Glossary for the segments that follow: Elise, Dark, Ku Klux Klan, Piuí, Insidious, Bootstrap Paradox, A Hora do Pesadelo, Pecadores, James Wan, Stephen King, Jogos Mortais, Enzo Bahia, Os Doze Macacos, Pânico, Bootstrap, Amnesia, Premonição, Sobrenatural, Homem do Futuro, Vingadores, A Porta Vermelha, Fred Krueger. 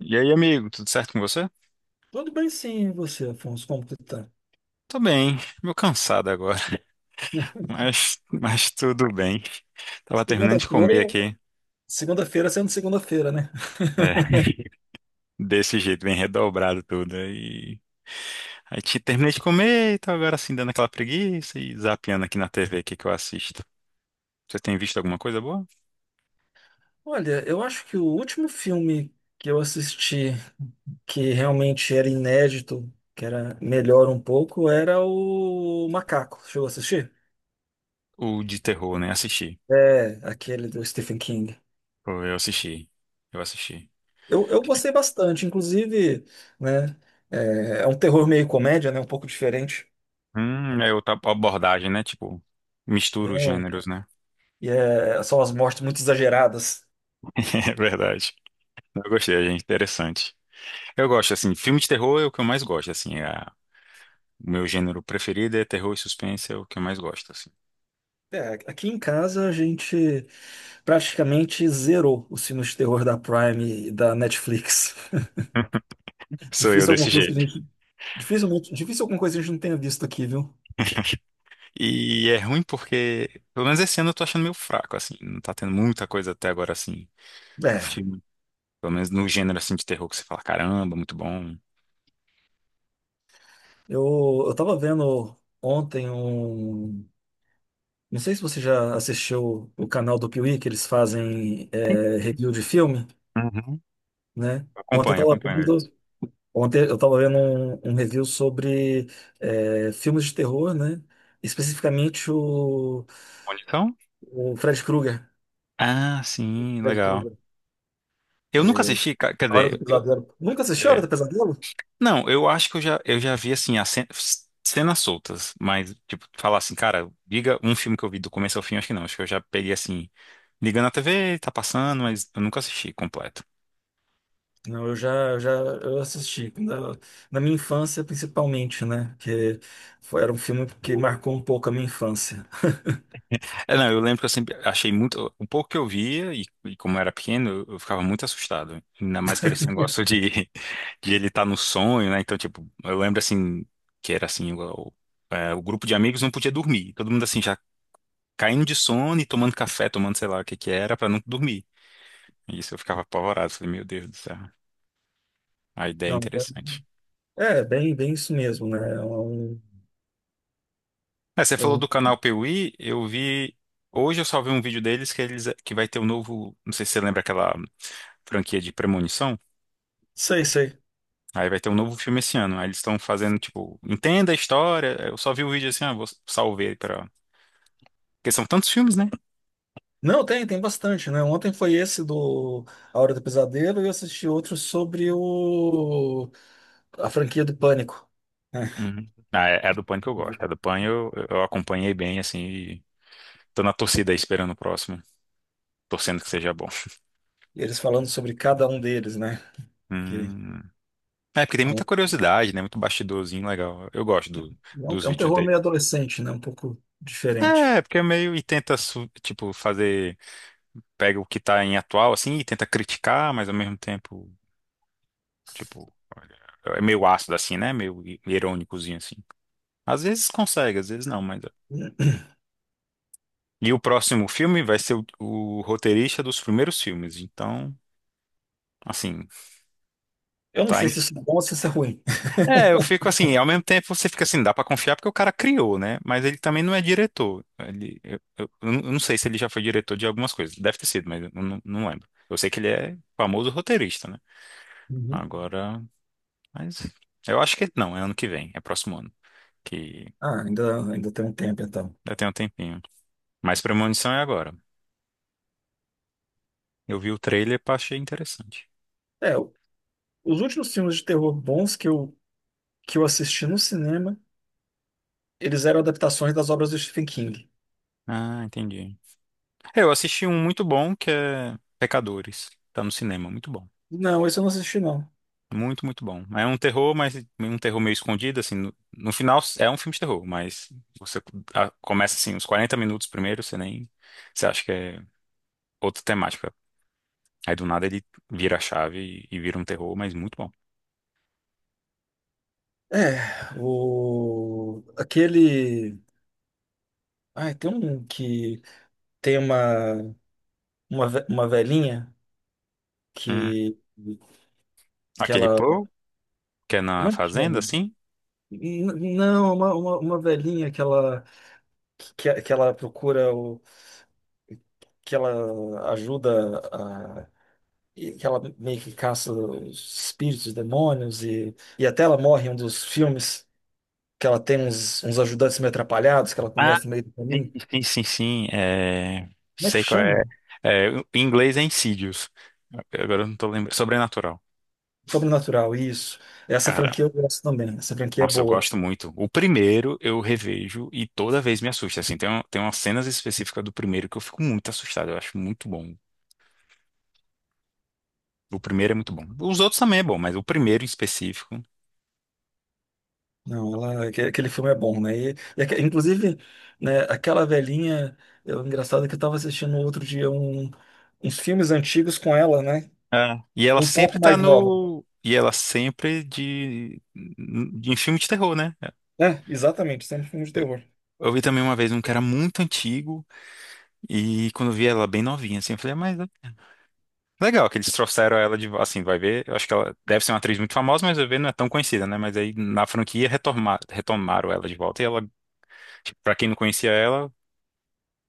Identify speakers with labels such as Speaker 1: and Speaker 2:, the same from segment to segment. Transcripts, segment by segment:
Speaker 1: E aí, amigo, tudo certo com você?
Speaker 2: Tudo bem sim, e você, Afonso, como que tá?
Speaker 1: Tô bem, meio cansado agora, mas tudo bem. Tava terminando de comer
Speaker 2: Segunda-feira,
Speaker 1: aqui,
Speaker 2: sendo segunda-feira, né?
Speaker 1: é, desse jeito, bem redobrado tudo. E aí terminei de comer e tô agora assim dando aquela preguiça e zapeando aqui na TV o que que eu assisto. Você tem visto alguma coisa boa?
Speaker 2: Olha, eu acho que o último filme que eu assisti que realmente era inédito, que era melhor um pouco, era o Macaco. Chegou a assistir?
Speaker 1: O de terror, né? Assisti.
Speaker 2: É, aquele do Stephen King.
Speaker 1: Pô, eu assisti. Eu assisti.
Speaker 2: Eu gostei bastante, inclusive, né? É um terror meio comédia, né? Um pouco diferente.
Speaker 1: É outra abordagem, né? Tipo, mistura os
Speaker 2: É.
Speaker 1: gêneros, né?
Speaker 2: E, são as mortes muito exageradas.
Speaker 1: É verdade. Eu gostei, gente. Interessante. Eu gosto, assim, filme de terror é o que eu mais gosto, assim, o meu gênero preferido é terror e suspense, é o que eu mais gosto, assim.
Speaker 2: É, aqui em casa a gente praticamente zerou os filmes de terror da Prime e da Netflix.
Speaker 1: Sou eu
Speaker 2: Difícil
Speaker 1: desse
Speaker 2: alguma coisa que
Speaker 1: jeito.
Speaker 2: a gente. Dificilmente, difícil alguma coisa que a gente não tenha visto aqui, viu?
Speaker 1: E é ruim porque, pelo menos esse ano eu tô achando meio fraco, assim, não tá tendo muita coisa até agora, assim,
Speaker 2: É.
Speaker 1: filme, pelo menos no gênero, assim, de terror que você fala, caramba, muito bom.
Speaker 2: Eu tava vendo ontem um. Não sei se você já assistiu o canal do Piuí, que eles fazem
Speaker 1: Sim.
Speaker 2: review de filme,
Speaker 1: Uhum.
Speaker 2: né? Ontem eu
Speaker 1: Acompanho,
Speaker 2: tava
Speaker 1: acompanho eles.
Speaker 2: vendo, ontem eu tava vendo um review sobre filmes de terror, né? Especificamente
Speaker 1: Onde estão?
Speaker 2: o Fred Krueger.
Speaker 1: Ah, sim,
Speaker 2: Fred
Speaker 1: legal.
Speaker 2: Krueger.
Speaker 1: Eu nunca assisti, quer
Speaker 2: A Hora do
Speaker 1: dizer, eu,
Speaker 2: Pesadelo. Nunca assisti a Hora do
Speaker 1: é,
Speaker 2: Pesadelo?
Speaker 1: Não, eu acho que eu já vi, assim, as cenas soltas, mas, tipo, falar assim, cara, diga um filme que eu vi do começo ao fim, acho que não. Acho que eu já peguei, assim, ligando a TV, tá passando, mas eu nunca assisti completo.
Speaker 2: Não, eu já eu assisti. Na minha infância, principalmente, né? Que foi, era um filme que marcou um pouco a minha infância.
Speaker 1: É, não, eu lembro que eu sempre achei muito. O pouco que eu via, e como eu era pequeno, eu ficava muito assustado. Ainda mais que era esse negócio de, de ele estar no sonho, né? Então, tipo, eu lembro, assim, que era assim, o grupo de amigos não podia dormir. Todo mundo, assim, já caindo de sono e tomando café, tomando sei lá o que que era, pra não dormir. E isso eu ficava apavorado. Falei, meu Deus do céu, a ideia é
Speaker 2: Não,
Speaker 1: interessante.
Speaker 2: é bem, bem isso mesmo, né?
Speaker 1: É, você
Speaker 2: É
Speaker 1: falou
Speaker 2: um,
Speaker 1: do canal Piuí, eu vi. Hoje eu só vi um vídeo deles que eles que vai ter um novo. Não sei se você lembra aquela franquia de Premonição.
Speaker 2: sei, sei.
Speaker 1: Aí vai ter um novo filme esse ano. Aí eles estão fazendo, tipo, entenda a história. Eu só vi o vídeo assim, ah, vou salvei para. Porque são tantos filmes, né?
Speaker 2: Não, tem bastante, né? Ontem foi esse do A Hora do Pesadelo e eu assisti outro sobre a franquia do Pânico, né?
Speaker 1: Uhum. Ah, é a do Pânico que eu gosto. A do Pânico eu acompanhei bem, assim, e tô na torcida aí esperando o próximo. Torcendo que seja bom.
Speaker 2: Eles falando sobre cada um deles, né? Que
Speaker 1: Hum. É, porque tem
Speaker 2: é
Speaker 1: muita
Speaker 2: um
Speaker 1: curiosidade, né? Muito bastidorzinho legal. Eu gosto
Speaker 2: É um,
Speaker 1: dos
Speaker 2: é um
Speaker 1: vídeos
Speaker 2: terror
Speaker 1: dele.
Speaker 2: meio adolescente, né? Um pouco diferente.
Speaker 1: É, porque é meio e tenta, tipo, fazer. Pega o que tá em atual, assim, e tenta criticar, mas ao mesmo tempo, tipo, olha, é meio ácido, assim, né? Meio irônicozinho, assim. Às vezes consegue, às vezes não, mas. E o próximo filme vai ser o roteirista dos primeiros filmes. Então, assim,
Speaker 2: Eu não
Speaker 1: tá.
Speaker 2: sei se isso é bom ou se isso é ruim.
Speaker 1: É, eu fico assim, ao mesmo tempo você fica assim, dá pra confiar porque o cara criou, né? Mas ele também não é diretor. Ele, eu não sei se ele já foi diretor de algumas coisas. Deve ter sido, mas eu não lembro. Eu sei que ele é famoso roteirista, né?
Speaker 2: Uhum.
Speaker 1: Agora, mas eu acho que não, é ano que vem, é próximo ano, que
Speaker 2: Ah, ainda, ainda tem um tempo, então.
Speaker 1: ainda tem um tempinho. Mas Premonição é agora. Eu vi o trailer e achei interessante.
Speaker 2: É, os últimos filmes de terror bons que eu assisti no cinema, eles eram adaptações das obras do Stephen King.
Speaker 1: Ah, entendi. Eu assisti um muito bom que é Pecadores. Tá no cinema, muito bom.
Speaker 2: Não, esse eu não assisti, não.
Speaker 1: Muito, muito bom. É um terror, mas um terror meio escondido, assim. No final é um filme de terror, mas você começa assim, uns 40 minutos primeiro, você nem. Você acha que é outra temática. Aí do nada ele vira a chave e vira um terror, mas muito bom.
Speaker 2: É, o... Aquele... Ai, tem um que tem uma velhinha
Speaker 1: Hum.
Speaker 2: que, que
Speaker 1: Aquele
Speaker 2: ela...
Speaker 1: Que é
Speaker 2: Como
Speaker 1: na
Speaker 2: é que é?
Speaker 1: fazenda, assim?
Speaker 2: Não, uma velhinha que ela... que ela procura o que ela ajuda a e que ela meio que caça os espíritos, os demônios e até ela morre em um dos filmes que ela tem uns ajudantes meio atrapalhados que ela
Speaker 1: Ah,
Speaker 2: conhece no meio do
Speaker 1: sim,
Speaker 2: caminho.
Speaker 1: sim, sim, sim. É...
Speaker 2: Como é que
Speaker 1: Sei qual
Speaker 2: chama?
Speaker 1: é. É, em inglês é Insidious. Agora eu não tô lembrando. Sobrenatural.
Speaker 2: Sobrenatural, isso. Essa franquia eu gosto também. Essa franquia é
Speaker 1: Nossa, eu
Speaker 2: boa.
Speaker 1: gosto muito. O primeiro eu revejo e toda vez me assusta. Assim, tem umas cenas específicas do primeiro que eu fico muito assustado. Eu acho muito bom. O primeiro é muito bom. Os outros também é bom, mas o primeiro em específico.
Speaker 2: Não, aquele filme é bom, né? Inclusive, né, aquela velhinha, eu, engraçado é que eu estava assistindo outro dia uns filmes antigos com ela, né?
Speaker 1: É. E ela
Speaker 2: Um
Speaker 1: sempre
Speaker 2: pouco
Speaker 1: tá
Speaker 2: mais nova.
Speaker 1: no. E ela sempre de. Em filme de terror, né?
Speaker 2: É, exatamente, sempre filme de
Speaker 1: Eu,
Speaker 2: terror.
Speaker 1: eu vi também uma vez um que era muito antigo. E quando eu vi ela bem novinha, assim, eu falei, "Ah, mas legal que eles trouxeram ela de, assim, vai ver, eu acho que ela deve ser uma atriz muito famosa, mas vai ver não é tão conhecida, né? Mas aí na franquia retomaram ela de volta e ela, tipo, pra quem não conhecia ela,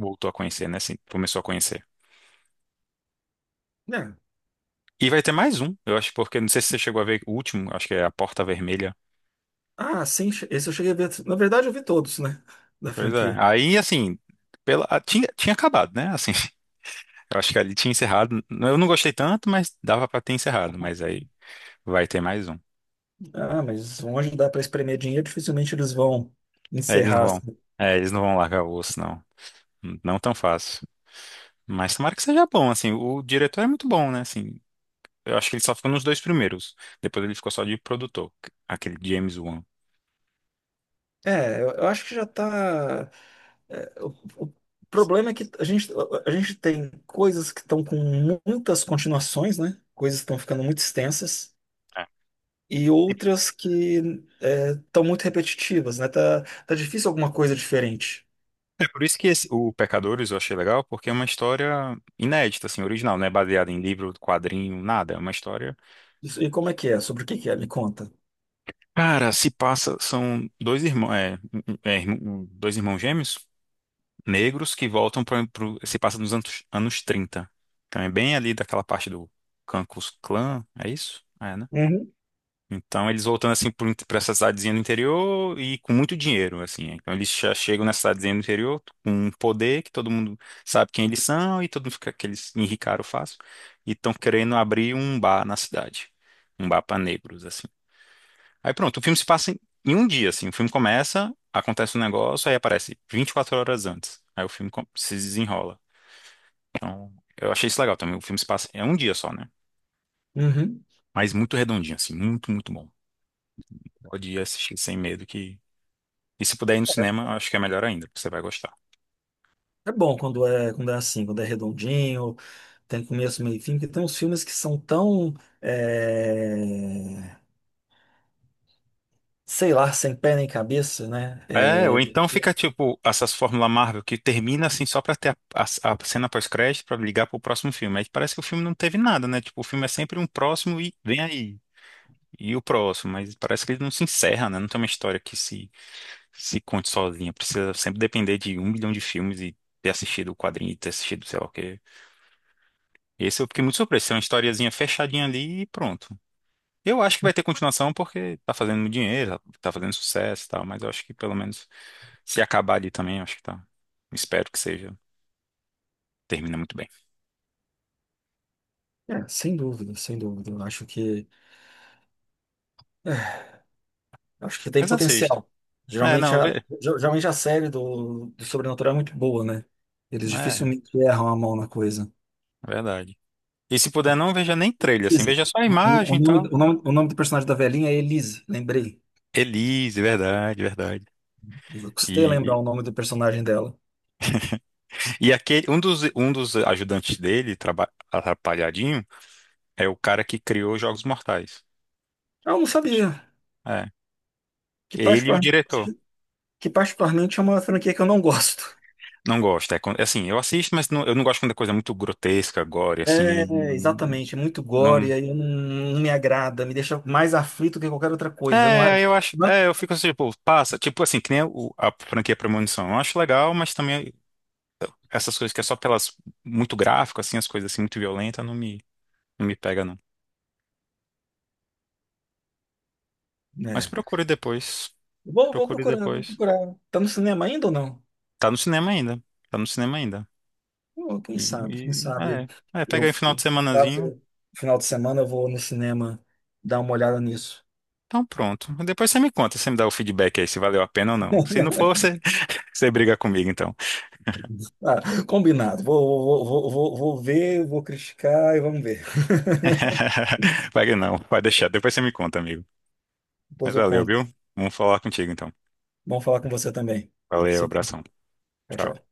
Speaker 1: voltou a conhecer, né? Assim, começou a conhecer.
Speaker 2: É.
Speaker 1: E vai ter mais um, eu acho, porque não sei se você chegou a ver o último, acho que é A Porta Vermelha.
Speaker 2: Ah, sim, esse eu cheguei a ver. Na verdade, eu vi todos, né? Da
Speaker 1: Pois é.
Speaker 2: franquia.
Speaker 1: Aí, assim, tinha acabado, né? Assim, eu acho que ali tinha encerrado. Eu não gostei tanto, mas dava pra ter encerrado, mas aí vai ter mais um.
Speaker 2: Ah, mas onde dá pra espremer dinheiro, dificilmente eles vão
Speaker 1: Aí eles não
Speaker 2: encerrar,
Speaker 1: vão.
Speaker 2: assim.
Speaker 1: É, eles não vão largar o osso, não. Não tão fácil. Mas tomara que seja bom, assim, o diretor é muito bom, né, assim, eu acho que ele só ficou nos dois primeiros, depois ele ficou só de produtor, aquele James Wan.
Speaker 2: É, eu acho que já tá. é, o, o problema é que a gente tem coisas que estão com muitas continuações, né? Coisas que estão ficando muito extensas.
Speaker 1: É
Speaker 2: E outras que estão muito repetitivas, né? Tá difícil alguma coisa diferente.
Speaker 1: É por isso que o Pecadores eu achei legal, porque é uma história inédita, assim, original, não é baseada em livro, quadrinho, nada, é uma história...
Speaker 2: Isso. E como é que é? Sobre o que que é? Me conta.
Speaker 1: Cara, se passa, são dois irmãos, dois irmãos gêmeos, negros, que voltam para se passa nos anos 30, então é bem ali daquela parte do Ku Klux Klan, é isso? É, né? Então eles voltando assim para essa cidadezinha do interior e com muito dinheiro, assim, né? Então eles já chegam nessa cidadezinha do interior com um poder que todo mundo sabe quem eles são e todo mundo fica que eles enricaram fácil e estão querendo abrir um bar na cidade, um bar para negros, assim. Aí pronto, o filme se passa em um dia, assim. O filme começa, acontece um negócio, aí aparece 24 horas antes. Aí o filme se desenrola. Então eu achei isso legal também. O filme se passa é um dia só, né?
Speaker 2: Uhum.
Speaker 1: Mas muito redondinho, assim, muito, muito bom. Pode assistir sem medo que. E se puder ir no cinema, eu acho que é melhor ainda, porque você vai gostar.
Speaker 2: É bom quando quando é assim, quando é redondinho, tem começo, meio e fim, porque tem uns filmes que são tão, é, sei lá, sem pé nem cabeça, né?
Speaker 1: É, ou então
Speaker 2: É,
Speaker 1: fica tipo essas Fórmula Marvel que termina assim só pra ter a cena pós-crédito pra ligar pro próximo filme. Aí parece que o filme não teve nada, né? Tipo, o filme é sempre um próximo e vem aí. E o próximo, mas parece que ele não se encerra, né? Não tem uma história que se conte sozinha. Precisa sempre depender de um milhão de filmes e ter assistido o quadrinho, ter assistido sei lá o quê. Esse eu fiquei muito surpreso. É uma historiazinha fechadinha ali e pronto. Eu acho que vai ter continuação porque tá fazendo muito dinheiro, tá fazendo sucesso e tal, mas eu acho que pelo menos se acabar ali também, eu acho que tá. Espero que seja. Termina muito bem.
Speaker 2: sem dúvida, sem dúvida. Acho que tem
Speaker 1: Mas assisto.
Speaker 2: potencial.
Speaker 1: É,
Speaker 2: Geralmente
Speaker 1: não,
Speaker 2: a,
Speaker 1: vê.
Speaker 2: geralmente a série do Sobrenatural é muito boa, né? Eles
Speaker 1: É,
Speaker 2: dificilmente erram a mão na coisa.
Speaker 1: é verdade. E se puder, não veja nem trailer, assim,
Speaker 2: Elise.
Speaker 1: veja só a imagem e tal.
Speaker 2: O nome do personagem da velhinha é Elise, lembrei.
Speaker 1: Elise, verdade, verdade.
Speaker 2: Eu custei lembrar
Speaker 1: E,
Speaker 2: o nome do personagem dela.
Speaker 1: e aquele, um dos ajudantes dele, atrapalhadinho, é o cara que criou Jogos Mortais.
Speaker 2: Ah, eu não sabia.
Speaker 1: É.
Speaker 2: Que
Speaker 1: Ele e o
Speaker 2: particularmente,
Speaker 1: diretor.
Speaker 2: que particularmente é uma franquia que eu não gosto.
Speaker 1: Não gosto. É, assim, eu assisto, mas eu não gosto quando é coisa muito grotesca, gore, assim.
Speaker 2: É,
Speaker 1: Não,
Speaker 2: exatamente, é muito gore,
Speaker 1: não-
Speaker 2: aí não, não me agrada, me deixa mais aflito que qualquer outra coisa. Já não é.
Speaker 1: É, eu acho.
Speaker 2: não-
Speaker 1: É, eu fico assim, tipo, passa. Tipo assim, que nem a franquia Premonição. Eu acho legal, mas também essas coisas que é só pelas muito gráfico, assim, as coisas assim muito violentas, não me, pega, não. Mas
Speaker 2: é.
Speaker 1: procure depois.
Speaker 2: Vou, vou
Speaker 1: Procure
Speaker 2: procurar, vou
Speaker 1: depois.
Speaker 2: procurar. Tá no cinema ainda ou não?
Speaker 1: Tá no cinema ainda. Tá no cinema ainda.
Speaker 2: Oh,
Speaker 1: E,
Speaker 2: quem
Speaker 1: e-
Speaker 2: sabe
Speaker 1: é. É,
Speaker 2: eu
Speaker 1: pega aí um final de semanazinho.
Speaker 2: faço- final de semana eu vou no cinema dar uma olhada nisso.
Speaker 1: Então pronto. Depois você me conta, você me dá o feedback aí se valeu a pena ou não. Se não for, você, você briga comigo, então.
Speaker 2: Ah, combinado. Vou ver, vou criticar e vamos ver.
Speaker 1: Vai não, vai deixar. Depois você me conta, amigo. Mas
Speaker 2: Depois eu
Speaker 1: valeu,
Speaker 2: conto.
Speaker 1: viu? Vamos falar contigo então.
Speaker 2: Vamos falar com você também.
Speaker 1: Valeu,
Speaker 2: Se-
Speaker 1: abração.
Speaker 2: Tchau,
Speaker 1: Tchau.
Speaker 2: tchau.